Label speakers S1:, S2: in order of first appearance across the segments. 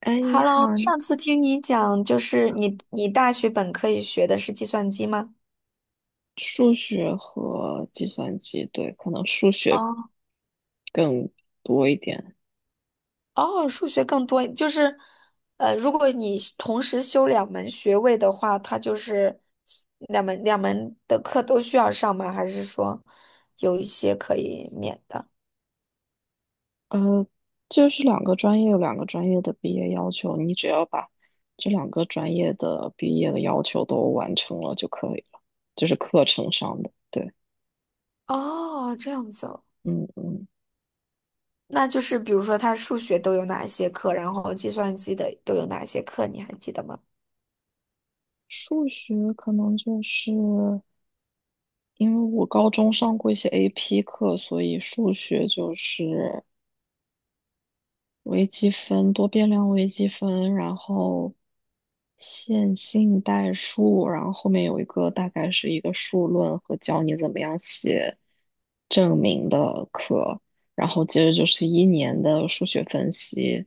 S1: 哎，你好。
S2: Hello，上次听你讲，就是你大学本科也学的是计算机吗？
S1: 数学和计算机，对，可能数学
S2: 哦
S1: 更多一点。
S2: 哦，数学更多，就是如果你是同时修两门学位的话，它就是两门的课都需要上吗？还是说有一些可以免的？
S1: 呃，就是两个专业有两个专业的毕业要求，你只要把这两个专业的毕业的要求都完成了就可以了，就是课程上的。对。
S2: 哦，这样子哦。
S1: 嗯嗯。
S2: 那就是比如说它数学都有哪些课，然后计算机的都有哪些课，你还记得吗？
S1: 数学可能就是因为我高中上过一些 AP 课，所以数学就是微积分、多变量微积分，然后线性代数，然后后面有一个大概是一个数论和教你怎么样写证明的课，然后接着就是一年的数学分析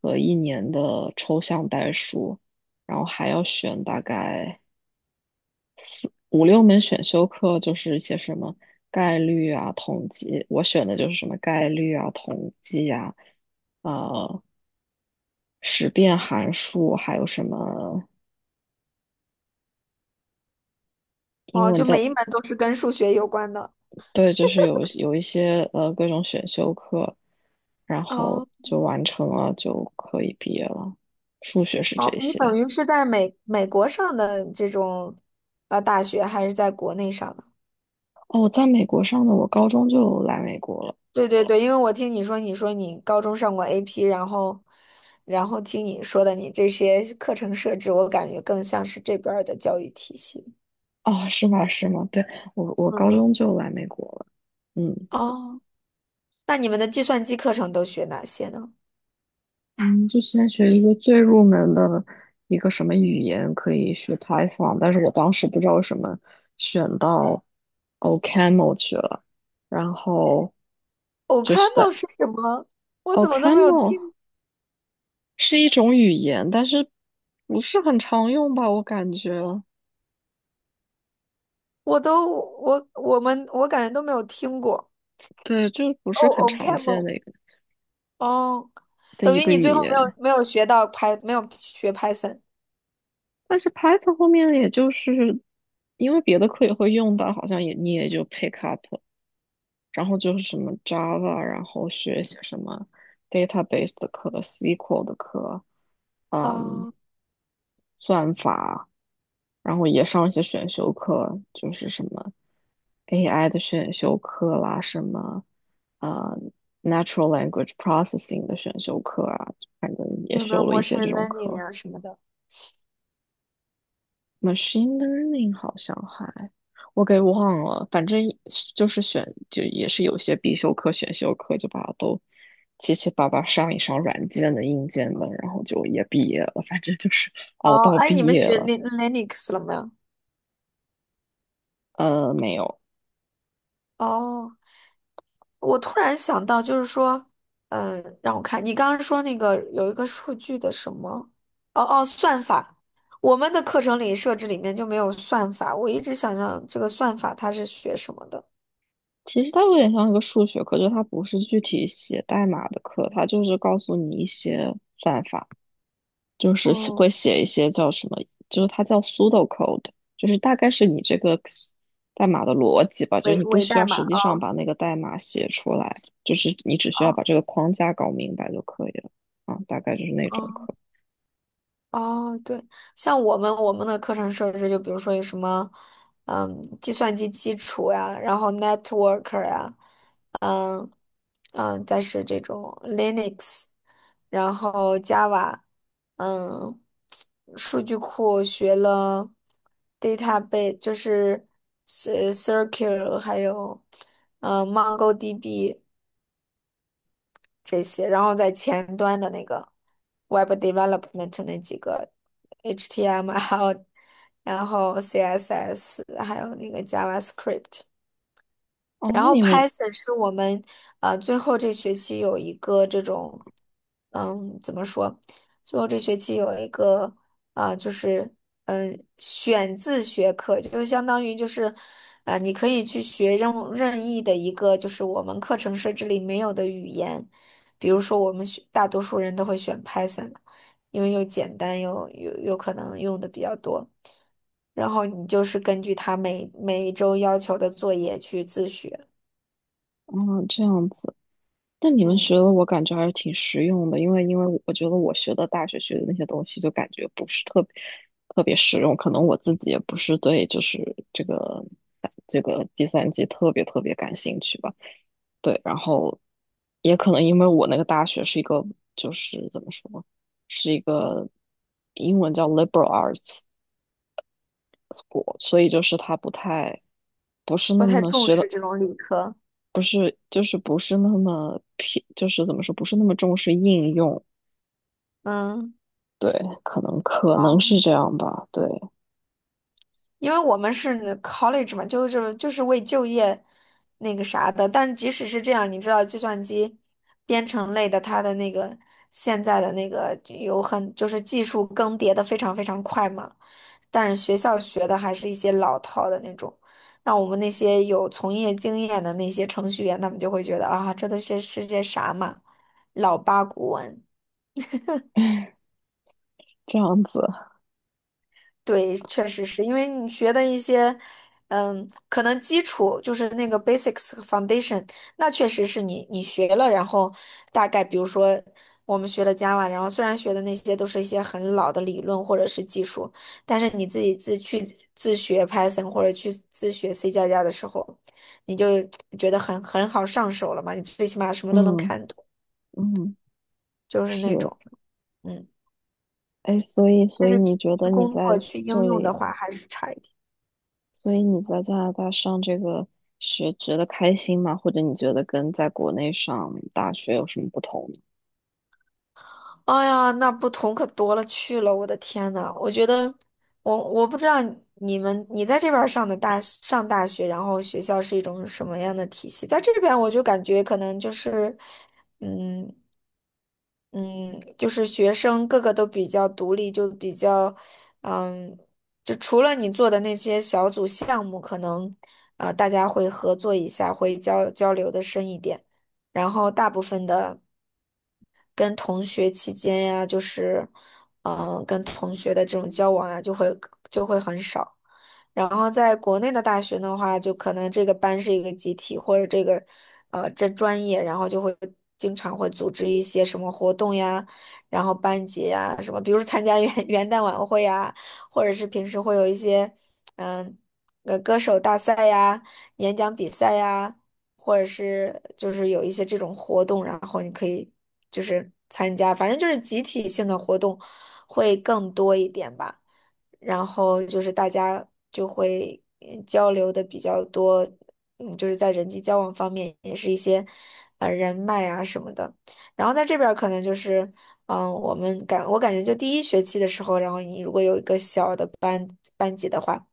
S1: 和一年的抽象代数，然后还要选大概五六门选修课，就是一些什么概率啊、统计，我选的就是什么概率啊、统计啊。啊、识变函数，还有什么英
S2: 哦，
S1: 文
S2: 就每
S1: 叫，
S2: 一门都是跟数学有关的。
S1: 对，就是有一些各种选修课，然
S2: 哦。
S1: 后就完成了，就可以毕业了。数学是这
S2: 哦，你
S1: 些。
S2: 等于是在美国上的这种大学，还是在国内上的？
S1: 哦，我在美国上的，我高中就来美国了。
S2: 对对对，因为我听你说，你说你高中上过 AP，然后听你说的你这些课程设置，我感觉更像是这边儿的教育体系。
S1: 哦，是吗？是吗？对，我
S2: 嗯
S1: 高
S2: 嗯。
S1: 中就来美国了。嗯。
S2: 哦，那你们的计算机课程都学哪些呢
S1: 嗯，就先学一个最入门的一个什么语言，可以学 Python，但是我当时不知道为什么选到 OCaml 去了，然后就是
S2: ？OCaml
S1: 在
S2: 是什么？我怎么都没有
S1: OCaml
S2: 听，
S1: 是一种语言，但是不是很常用吧，我感觉。
S2: 我都我我们我感觉都没有听过。
S1: 对，就不
S2: 哦
S1: 是很常见
S2: ，OCaml，
S1: 的一个
S2: 哦。
S1: 的
S2: 等
S1: 一
S2: 于
S1: 个
S2: 你最
S1: 语
S2: 后
S1: 言，
S2: 没有学到 Py，没有学 Python
S1: 但是 Python 后面也就是因为别的课也会用到，好像也你也就 pick up。然后就是什么 Java，然后学一些什么 database 的课、SQL 的课，嗯，
S2: 啊？
S1: 算法，然后也上一些选修课，就是什么 AI 的选修课啦，什么呃 natural language processing 的选修课啊，反正也
S2: 有没有
S1: 修了
S2: m
S1: 一
S2: a c
S1: 些
S2: h i
S1: 这
S2: n
S1: 种
S2: learning
S1: 课。
S2: 啊什么的？
S1: machine learning 好像还我给忘了，反正就是选就也是有些必修课、选修课就把它都七七八八上一上软件的、硬件的，然后就也毕业了，反正就是熬
S2: 哦，
S1: 到
S2: 哎，
S1: 毕
S2: 你们
S1: 业
S2: 学
S1: 了。
S2: Lin- u x 了没有？
S1: 没有。
S2: 哦，我突然想到，就是说，嗯，让我看，你刚刚说那个有一个数据的什么？哦哦，算法。我们的课程里设置里面就没有算法，我一直想让这个算法它是学什么的？
S1: 其实它有点像一个数学课，就它不是具体写代码的课，它就是告诉你一些算法。就是写
S2: 嗯，
S1: 会写一些叫什么，就是它叫 pseudocode，就是大概是你这个代码的逻辑吧，就是
S2: 伪
S1: 你不
S2: 伪
S1: 需
S2: 代
S1: 要
S2: 码
S1: 实际上
S2: 啊。
S1: 把那个代码写出来，就是你只需
S2: 啊
S1: 要
S2: 啊！
S1: 把这个框架搞明白就可以了。啊，大概就是那
S2: 哦
S1: 种课。
S2: 哦哦，对，像我们的课程设置，就比如说有什么，嗯，计算机基础呀，然后 network 呀，嗯嗯，再是这种 Linux，然后 Java，嗯，数据库学了 database，就是 cir r c l e 还有嗯 MongoDB 这些，然后在前端的那个。Web Development 那几个 HTML，然后 CSS，还有那个 JavaScript。
S1: 哦，
S2: 然
S1: 那
S2: 后
S1: 你们，
S2: Python 是我们最后这学期有一个这种，嗯，怎么说？最后这学期有一个啊、就是选自学课，就相当于就是你可以去学任意的一个就是我们课程设置里没有的语言，比如说我们选大多数人都会选 Python，因为又简单又又可能用的比较多，然后你就是根据他每一周要求的作业去自学。
S1: 嗯，这样子。那你们学
S2: 嗯。
S1: 的我感觉还是挺实用的，因为因为我觉得我学的大学学的那些东西就感觉不是特别特别实用，可能我自己也不是对就是这个这个计算机特别特别感兴趣吧。对，然后也可能因为我那个大学是一个，就是怎么说，是一个英文叫 liberal arts school，所以就是它不太不是那
S2: 不太
S1: 么
S2: 重
S1: 学
S2: 视
S1: 的，
S2: 这种理科。
S1: 不是就是不是那么偏，就是怎么说，不是那么重视应用。
S2: 嗯，
S1: 对，可能可能是
S2: 哦，
S1: 这样吧。对。
S2: 因为我们是 college 嘛，就是为就业那个啥的。但即使是这样，你知道计算机编程类的，它的那个现在的那个有很就是技术更迭的非常快嘛。但是学校学的还是一些老套的那种，让我们那些有从业经验的那些程序员，他们就会觉得啊，这都是是些啥嘛，老八股文。
S1: 这样子。
S2: 对，确实是因为你学的一些，嗯，可能基础就是那个 basics 和 foundation，那确实是你学了，然后大概比如说我们学了 Java，然后虽然学的那些都是一些很老的理论或者是技术，但是你自己自学 Python 或者去自学 C 加加的时候，你就觉得很好上手了嘛，你最起码什么都能
S1: 嗯
S2: 看懂，
S1: 嗯。
S2: 就是
S1: 是。
S2: 那种，嗯，
S1: 哎，所以所
S2: 但
S1: 以
S2: 是
S1: 你
S2: 去
S1: 觉得你
S2: 工作
S1: 在
S2: 去应
S1: 这
S2: 用的
S1: 里？
S2: 话还是差一点。
S1: 所以你在加拿大上这个学觉得开心吗？或者你觉得跟在国内上大学有什么不同呢？
S2: 哎呀，那不同可多了去了，我的天呐，我觉得，我不知道你在这边儿上大学，然后学校是一种什么样的体系？在这边我就感觉可能就是，嗯嗯，就是学生个个都比较独立，就比较，嗯，就除了你做的那些小组项目，可能大家会合作一下，会交流的深一点。然后大部分的跟同学期间呀，就是，嗯、跟同学的这种交往啊，就会很少。然后在国内的大学的话，就可能这个班是一个集体，或者这个，这专业，然后就会经常会组织一些什么活动呀，然后班级呀什么，比如参加元 元旦晚会呀，或者是平时会有一些，嗯、歌手大赛呀、演讲比赛呀，或者是就是有一些这种活动，然后你可以就是参加，反正就是集体性的活动会更多一点吧。然后就是大家就会交流的比较多，嗯，就是在人际交往方面也是一些人脉啊什么的。然后在这边儿可能就是，嗯、我感觉就第一学期的时候，然后你如果有一个小的班级的话，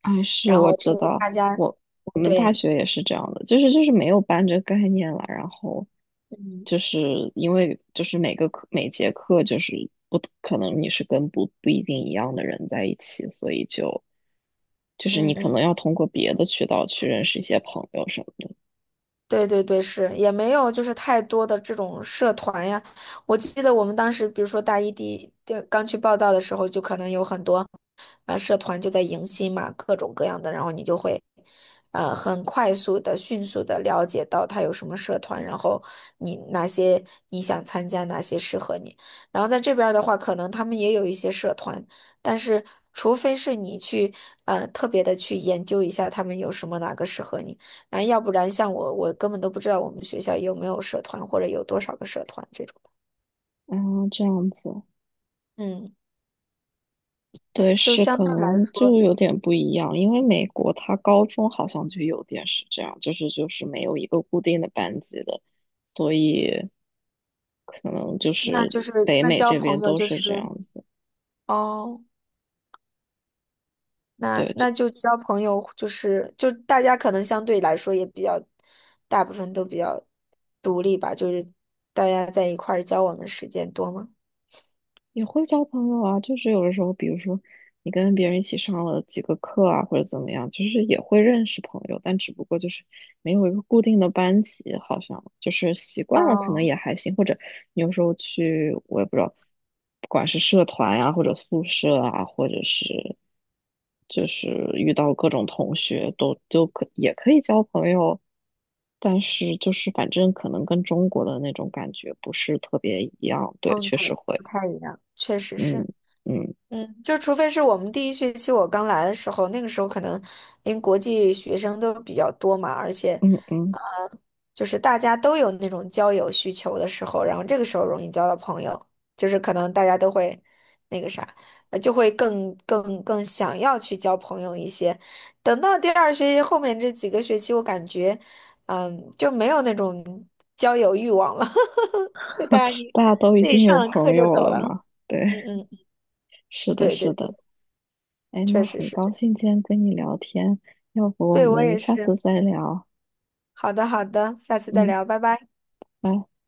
S1: 啊，是
S2: 然后
S1: 我知道，
S2: 大家
S1: 我我们大
S2: 对。
S1: 学也是这样的，就是就是没有班这个概念了，然后
S2: 嗯
S1: 就是因为就是每个课每节课就是不可能你是跟不一定一样的人在一起，所以就就是
S2: 嗯
S1: 你可
S2: 嗯。
S1: 能要通过别的渠道去认识一些朋友什么的。
S2: 对对对，是也没有就是太多的这种社团呀。我记得我们当时，比如说大一第一第刚去报道的时候，就可能有很多。啊，社团就在迎新嘛，各种各样的，然后你就会很快速的、迅速的了解到他有什么社团，然后你哪些你想参加，哪些适合你。然后在这边儿的话，可能他们也有一些社团，但是除非是你去特别的去研究一下他们有什么哪个适合你，然后要不然像我，我根本都不知道我们学校有没有社团或者有多少个社团这种。
S1: 啊，这样子。
S2: 嗯，
S1: 对，
S2: 就
S1: 是
S2: 相
S1: 可
S2: 对来
S1: 能就
S2: 说，
S1: 有点不一样，因为美国它高中好像就有点是这样，就是就是没有一个固定的班级的，所以可能就
S2: 那
S1: 是
S2: 就是
S1: 北
S2: 那
S1: 美
S2: 交
S1: 这
S2: 朋
S1: 边
S2: 友
S1: 都
S2: 就
S1: 是这
S2: 是
S1: 样子。
S2: 哦。那
S1: 对，
S2: 那就交朋友，就是就大家可能相对来说也比较，大部分都比较独立吧，就是大家在一块儿交往的时间多吗？
S1: 也会交朋友啊，就是有的时候，比如说你跟别人一起上了几个课啊，或者怎么样，就是也会认识朋友，但只不过就是没有一个固定的班级，好像就是习惯了，可能
S2: 嗯
S1: 也还行。或者你有时候去，我也不知道，不管是社团呀、或者宿舍啊，或者是就是遇到各种同学都也可以交朋友，但是就是反正可能跟中国的那种感觉不是特别一样，对，
S2: 嗯，
S1: 确
S2: 对，
S1: 实会。
S2: 不太一样，确实
S1: 嗯
S2: 是。
S1: 嗯。
S2: 嗯，就除非是我们第一学期我刚来的时候，那个时候可能因为国际学生都比较多嘛，而且，
S1: 嗯嗯。
S2: 呃，就是大家都有那种交友需求的时候，然后这个时候容易交到朋友，就是可能大家都会那个啥，就会更想要去交朋友一些。等到第二学期后面这几个学期，我感觉，嗯，就没有那种交友欲望了，就大家 你
S1: 大家都已
S2: 自己
S1: 经有
S2: 上了课
S1: 朋
S2: 就
S1: 友
S2: 走
S1: 了
S2: 了。
S1: 嘛？对。
S2: 嗯嗯，嗯
S1: 是的，
S2: 对
S1: 是
S2: 对。
S1: 的。哎，
S2: 确
S1: 那
S2: 实
S1: 很
S2: 是这
S1: 高
S2: 样。
S1: 兴今天跟你聊天，要不我
S2: 对，我
S1: 们
S2: 也
S1: 下次
S2: 是。
S1: 再聊？
S2: 好的，好的，下次再
S1: 嗯，
S2: 聊，拜拜。
S1: 拜。